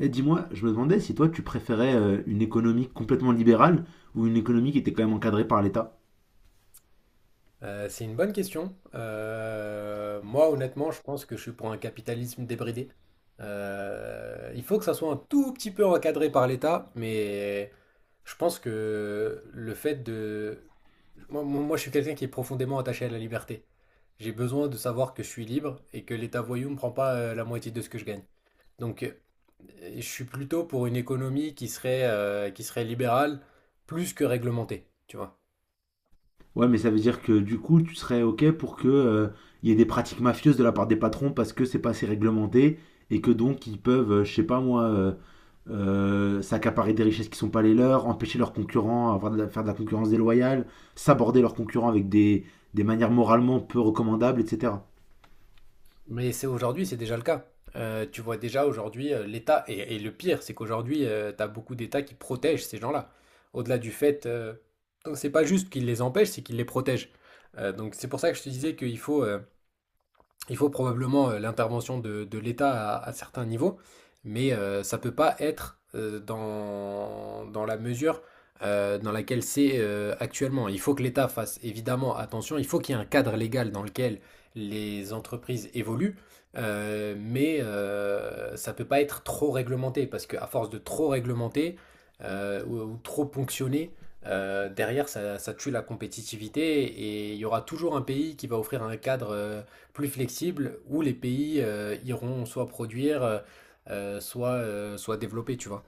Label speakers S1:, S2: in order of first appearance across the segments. S1: Et dis-moi, je me demandais si toi tu préférais une économie complètement libérale ou une économie qui était quand même encadrée par l'État.
S2: C'est une bonne question. Moi, honnêtement, je pense que je suis pour un capitalisme débridé. Il faut que ça soit un tout petit peu encadré par l'État, mais je pense que le fait de... Moi, je suis quelqu'un qui est profondément attaché à la liberté. J'ai besoin de savoir que je suis libre et que l'État voyou ne prend pas la moitié de ce que je gagne. Donc, je suis plutôt pour une économie qui serait libérale plus que réglementée, tu vois.
S1: Ouais, mais ça veut dire que du coup tu serais OK pour que il y ait des pratiques mafieuses de la part des patrons parce que c'est pas assez réglementé et que donc ils peuvent, je sais pas moi, s'accaparer des richesses qui sont pas les leurs, empêcher leurs concurrents, avoir faire de la concurrence déloyale, s'aborder leurs concurrents avec des manières moralement peu recommandables, etc.
S2: Mais c'est aujourd'hui, c'est déjà le cas. Tu vois déjà aujourd'hui l'État, et le pire, c'est qu'aujourd'hui, tu as beaucoup d'États qui protègent ces gens-là. Au-delà du fait, donc c'est pas juste qu'ils les empêchent, c'est qu'ils les protègent. Donc c'est pour ça que je te disais qu'il faut, il faut probablement l'intervention de l'État à certains niveaux, mais ça ne peut pas être dans la mesure dans laquelle c'est actuellement. Il faut que l'État fasse évidemment attention, il faut qu'il y ait un cadre légal dans lequel les entreprises évoluent, mais ça ne peut pas être trop réglementé, parce qu'à force de trop réglementer ou trop ponctionner, derrière ça, ça tue la compétitivité et il y aura toujours un pays qui va offrir un cadre plus flexible où les pays iront soit produire, soit développer, tu vois.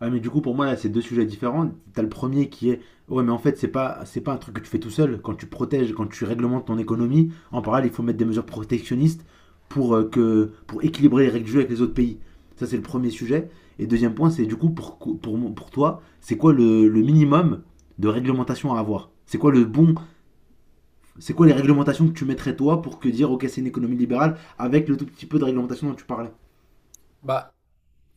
S1: Ouais, mais du coup, pour moi, là, c'est deux sujets différents. T'as le premier qui est, ouais, mais en fait, c'est pas un truc que tu fais tout seul. Quand tu protèges, quand tu réglementes ton économie, en parallèle, il faut mettre des mesures protectionnistes pour équilibrer les règles du jeu avec les autres pays. Ça, c'est le premier sujet. Et deuxième point, c'est du coup, pour toi, c'est quoi le minimum de réglementation à avoir. C'est quoi les réglementations que tu mettrais toi pour que dire, ok, c'est une économie libérale avec le tout petit peu de réglementation dont tu parlais.
S2: Bah,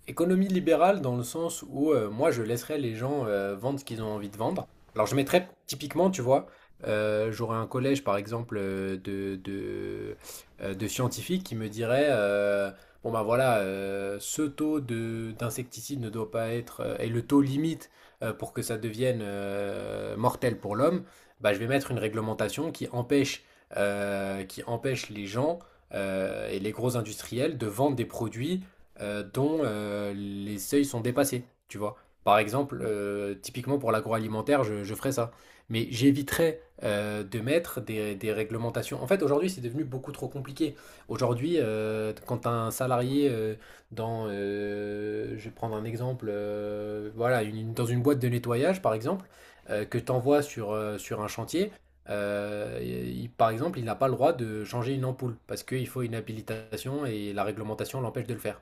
S2: économie libérale dans le sens où moi je laisserais les gens vendre ce qu'ils ont envie de vendre. Alors je mettrais typiquement, tu vois, j'aurais un collège par exemple de scientifiques qui me diraient bon ben voilà, ce taux de d'insecticide ne doit pas être et le taux limite pour que ça devienne mortel pour l'homme, bah, je vais mettre une réglementation qui empêche, les gens et les gros industriels de vendre des produits dont les seuils sont dépassés, tu vois. Par exemple, typiquement pour l'agroalimentaire, je ferais ça. Mais j'éviterais de mettre des réglementations. En fait, aujourd'hui, c'est devenu beaucoup trop compliqué. Aujourd'hui, quand un salarié je vais prendre un exemple, voilà, dans une boîte de nettoyage, par exemple, que tu envoies sur un chantier, par exemple, il n'a pas le droit de changer une ampoule parce qu'il faut une habilitation et la réglementation l'empêche de le faire.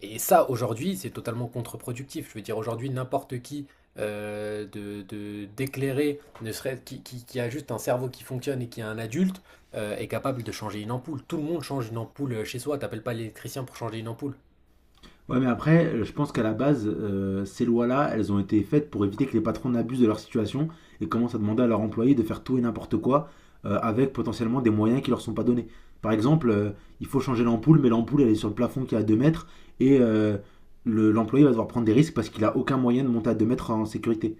S2: Et ça, aujourd'hui, c'est totalement contre-productif. Je veux dire, aujourd'hui, n'importe qui d'éclairer, ne serait qui a juste un cerveau qui fonctionne et qui est un adulte, est capable de changer une ampoule. Tout le monde change une ampoule chez soi. T'appelles pas l'électricien pour changer une ampoule.
S1: Ouais, mais après, je pense qu'à la base, ces lois-là, elles ont été faites pour éviter que les patrons n'abusent de leur situation et commencent à demander à leurs employés de faire tout et n'importe quoi avec potentiellement des moyens qui leur sont pas donnés. Par exemple, il faut changer l'ampoule, mais l'ampoule, elle est sur le plafond qui est à 2 mètres et l'employé va devoir prendre des risques parce qu'il a aucun moyen de monter à 2 mètres en sécurité.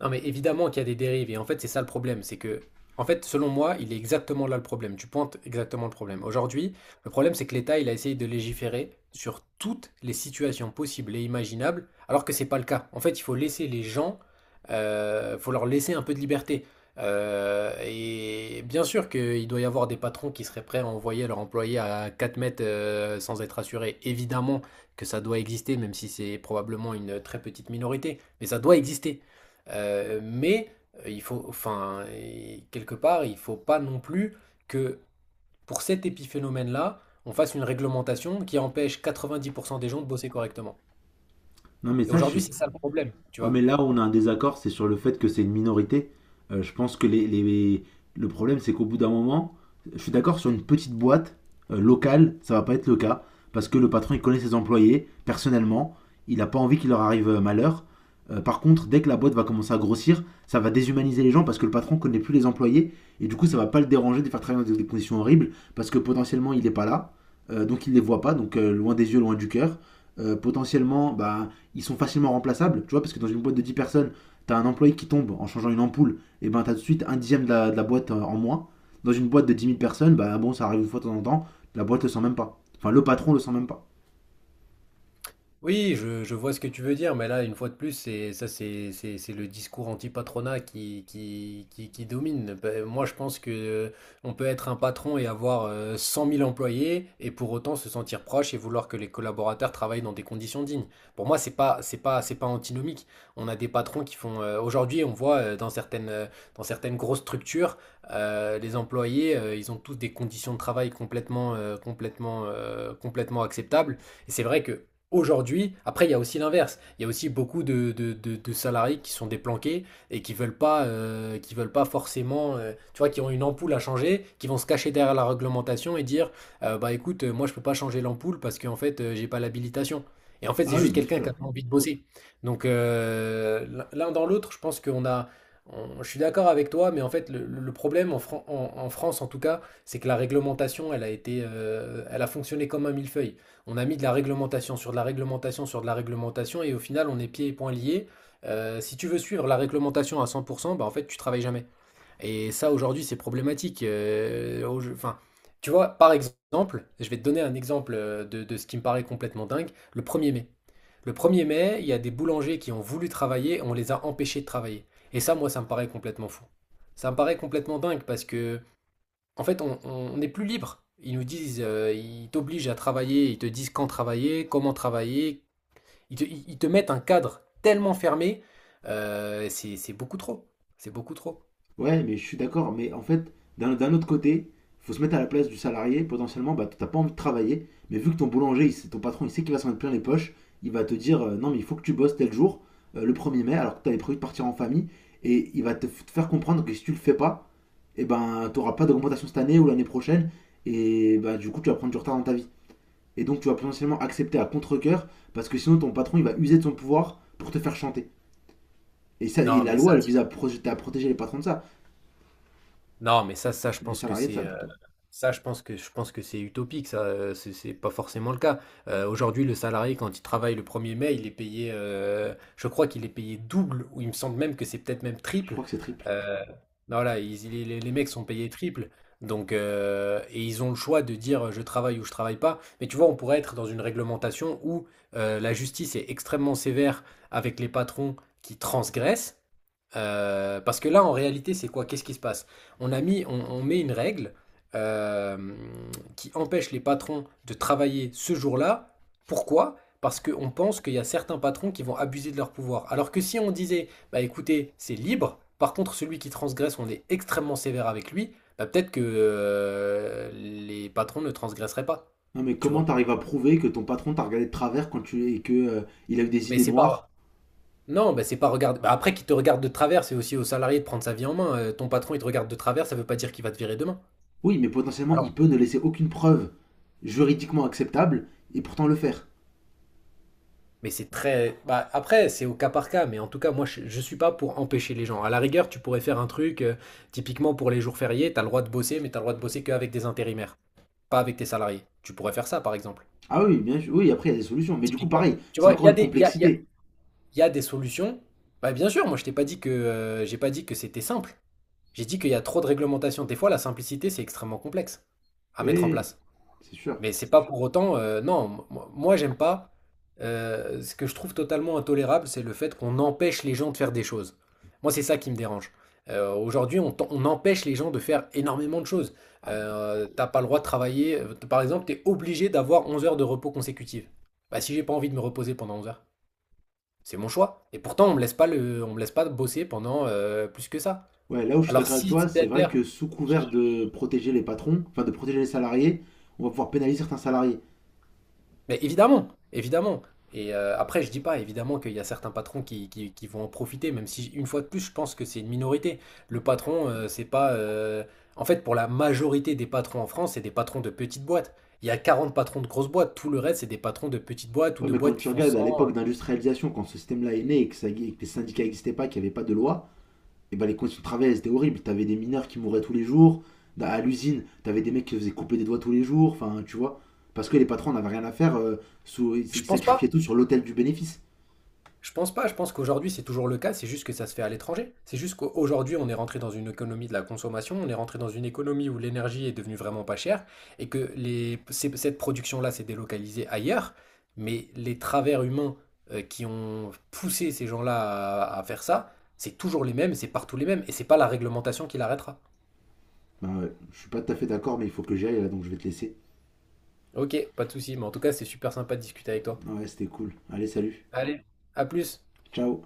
S2: Non, mais évidemment qu'il y a des dérives, et en fait, c'est ça le problème, c'est que, en fait, selon moi, il est exactement là le problème, tu pointes exactement le problème. Aujourd'hui, le problème, c'est que l'État, il a essayé de légiférer sur toutes les situations possibles et imaginables, alors que c'est pas le cas. En fait, il faut laisser les gens, faut leur laisser un peu de liberté. Et bien sûr qu'il doit y avoir des patrons qui seraient prêts à envoyer leurs employés à 4 mètres sans être assurés. Évidemment que ça doit exister, même si c'est probablement une très petite minorité, mais ça doit exister. Mais il faut, enfin, et quelque part, il faut pas non plus que pour cet épiphénomène-là, on fasse une réglementation qui empêche 90% des gens de bosser correctement.
S1: Non, mais
S2: Et
S1: ça, je
S2: aujourd'hui,
S1: suis.
S2: c'est ça le problème, tu
S1: Ouais,
S2: vois.
S1: mais là où on a un désaccord, c'est sur le fait que c'est une minorité. Je pense que le problème, c'est qu'au bout d'un moment, je suis d'accord sur une petite boîte locale, ça va pas être le cas, parce que le patron, il connaît ses employés, personnellement, il n'a pas envie qu'il leur arrive malheur. Par contre, dès que la boîte va commencer à grossir, ça va déshumaniser les gens parce que le patron connaît plus les employés et du coup, ça va pas le déranger de les faire travailler dans des conditions horribles parce que potentiellement, il n'est pas là, donc il les voit pas, loin des yeux, loin du cœur potentiellement, bah, ils sont facilement remplaçables, tu vois, parce que dans une boîte de 10 personnes, t'as un employé qui tombe en changeant une ampoule, et ben t'as tout de suite un dixième de la boîte en moins. Dans une boîte de 10 000 personnes, bah bon, ça arrive une fois de temps en temps, la boîte le sent même pas. Enfin, le patron le sent même pas.
S2: Oui, je vois ce que tu veux dire, mais là, une fois de plus, c'est ça, c'est le discours anti-patronat qui domine. Ben, moi, je pense que on peut être un patron et avoir 100 000 employés et pour autant se sentir proche et vouloir que les collaborateurs travaillent dans des conditions dignes. Pour moi, c'est pas antinomique. On a des patrons qui font. Aujourd'hui, on voit dans certaines grosses structures, les employés, ils ont tous des conditions de travail complètement acceptables. Et c'est vrai que aujourd'hui, après, il y a aussi l'inverse. Il y a aussi beaucoup de salariés qui sont déplanqués et qui veulent pas forcément, tu vois, qui ont une ampoule à changer, qui vont se cacher derrière la réglementation et dire, bah écoute, moi je peux pas changer l'ampoule parce qu'en fait, j'ai pas l'habilitation. Et en fait, c'est
S1: Ah oui,
S2: juste
S1: bien
S2: quelqu'un qui a
S1: sûr.
S2: pas envie de bosser. Donc l'un dans l'autre, je pense qu'on a, je suis d'accord avec toi, mais en fait, le problème en France, en tout cas, c'est que la réglementation, elle a fonctionné comme un millefeuille. On a mis de la réglementation sur de la réglementation sur de la réglementation et au final on est pieds et poings liés. Si tu veux suivre la réglementation à 100%, bah en fait tu travailles jamais. Et ça aujourd'hui c'est problématique. Enfin, tu vois, par exemple, je vais te donner un exemple de ce qui me paraît complètement dingue, le 1er mai. Le 1er mai, il y a des boulangers qui ont voulu travailler, on les a empêchés de travailler. Et ça, moi, ça me paraît complètement fou. Ça me paraît complètement dingue parce que en fait, on est plus libre. Ils nous disent, ils t'obligent à travailler, ils te disent quand travailler, comment travailler. Ils te mettent un cadre tellement fermé, c'est beaucoup trop. C'est beaucoup trop.
S1: Ouais, mais je suis d'accord. Mais en fait, d'un autre côté, faut se mettre à la place du salarié. Potentiellement, bah, t'as pas envie de travailler. Mais vu que ton boulanger, ton patron, il sait qu'il va s'en mettre plein les poches, il va te dire non, mais il faut que tu bosses tel jour, le 1er mai, alors que t'avais prévu de partir en famille. Et il va te faire comprendre que si tu le fais pas, et ben, t'auras pas d'augmentation cette année ou l'année prochaine. Et bah, du coup, tu vas prendre du retard dans ta vie. Et donc, tu vas potentiellement accepter à contre-cœur parce que sinon, ton patron, il va user de son pouvoir pour te faire chanter. Et, ça, et
S2: Non,
S1: la
S2: mais
S1: loi,
S2: ça,
S1: elle
S2: je-
S1: vise à protéger les patrons de ça,
S2: non, mais ça, je
S1: les
S2: pense que
S1: salariés de
S2: c'est
S1: ça plutôt.
S2: ça, je pense que c'est utopique, ça, c'est pas forcément le cas. Aujourd'hui, le salarié, quand il travaille le 1er mai, il est payé, je crois qu'il est payé double, ou il me semble même que c'est peut-être même
S1: Je
S2: triple.
S1: crois que c'est triple.
S2: Euh, ben voilà, les mecs sont payés triple, donc, et ils ont le choix de dire je travaille ou je travaille pas. Mais tu vois, on pourrait être dans une réglementation où la justice est extrêmement sévère avec les patrons qui transgressent, parce que là, en réalité, c'est quoi? Qu'est-ce qui se passe? On a mis, on met une règle euh, qui empêche les patrons de travailler ce jour-là. Pourquoi? Parce qu'on pense qu'il y a certains patrons qui vont abuser de leur pouvoir. Alors que si on disait, bah écoutez, c'est libre, par contre, celui qui transgresse, on est extrêmement sévère avec lui, bah peut-être que les patrons ne transgresseraient pas.
S1: Non, mais
S2: Tu
S1: comment
S2: vois?
S1: t'arrives à prouver que ton patron t'a regardé de travers quand tu et que il a eu des
S2: Mais
S1: idées
S2: c'est
S1: noires.
S2: pas, non, bah, c'est pas regarder. Bah, après, qu'il te regarde de travers, c'est aussi au salarié de prendre sa vie en main. Ton patron, il te regarde de travers, ça veut pas dire qu'il va te virer demain.
S1: Oui, mais potentiellement, il
S2: Alors,
S1: peut ne laisser aucune preuve juridiquement acceptable et pourtant le faire.
S2: mais c'est très. Bah, après, c'est au cas par cas, mais en tout cas, moi, je suis pas pour empêcher les gens. À la rigueur, tu pourrais faire un truc, typiquement pour les jours fériés, t'as le droit de bosser, mais t'as le droit de bosser qu'avec des intérimaires, pas avec tes salariés. Tu pourrais faire ça, par exemple.
S1: Ah oui, bien sûr. Oui, après, il y a des solutions. Mais du coup,
S2: Typiquement.
S1: pareil,
S2: Tu
S1: c'est
S2: vois, il y
S1: encore
S2: a
S1: une
S2: des, il y a, il y a-
S1: complexité.
S2: il y a des solutions. Bah, bien sûr, moi, je t'ai pas dit que, j'ai pas dit que c'était simple. J'ai dit qu'il y a trop de réglementations. Des fois, la simplicité, c'est extrêmement complexe à mettre en
S1: Oui,
S2: place.
S1: c'est sûr.
S2: Mais c'est pas pour autant, non, moi, j'aime pas. Ce que je trouve totalement intolérable, c'est le fait qu'on empêche les gens de faire des choses. Moi, c'est ça qui me dérange. Aujourd'hui, on empêche les gens de faire énormément de choses.
S1: Ah, bah.
S2: T'as pas le droit de travailler. Par exemple, t'es obligé d'avoir 11 heures de repos consécutives. Bah, si j'ai pas envie de me reposer pendant 11 heures, c'est mon choix. Et pourtant, on me laisse pas le, on me laisse pas bosser pendant plus que ça.
S1: Ouais, là où je suis
S2: Alors,
S1: d'accord avec
S2: si
S1: toi, c'est
S2: 7.
S1: vrai que sous couvert de protéger les patrons, enfin de protéger les salariés, on va pouvoir pénaliser certains salariés.
S2: Mais évidemment, évidemment. Et après, je dis pas, évidemment, qu'il y a certains patrons qui vont en profiter, même si, une fois de plus, je pense que c'est une minorité. Le patron, c'est pas. En fait, pour la majorité des patrons en France, c'est des patrons de petites boîtes. Il y a 40 patrons de grosses boîtes, tout le reste, c'est des patrons de petites boîtes ou
S1: Ouais,
S2: de
S1: mais quand
S2: boîtes qui
S1: tu
S2: font
S1: regardes à
S2: 100.
S1: l'époque d'industrialisation, quand ce système-là est né et que les syndicats n'existaient pas, qu'il n'y avait pas de loi, et ben les conditions de travail, elles étaient horribles. T'avais des mineurs qui mouraient tous les jours. À l'usine, t'avais des mecs qui se faisaient couper des doigts tous les jours. Enfin, tu vois. Parce que les patrons n'avaient rien à faire. Ils
S2: Je
S1: ils
S2: pense
S1: sacrifiaient
S2: pas.
S1: tout sur l'autel du bénéfice.
S2: Je pense pas, je pense qu'aujourd'hui c'est toujours le cas, c'est juste que ça se fait à l'étranger. C'est juste qu'aujourd'hui on est rentré dans une économie de la consommation, on est rentré dans une économie où l'énergie est devenue vraiment pas chère et que cette production-là s'est délocalisée ailleurs, mais les travers humains qui ont poussé ces gens-là à faire ça, c'est toujours les mêmes, c'est partout les mêmes et c'est pas la réglementation qui l'arrêtera.
S1: Ben ouais, je suis pas tout à fait d'accord, mais il faut que j'y aille là, donc je vais te laisser.
S2: Ok, pas de souci, mais en tout cas c'est super sympa de discuter avec toi.
S1: Ouais, c'était cool. Allez, salut.
S2: Allez, à plus.
S1: Ciao.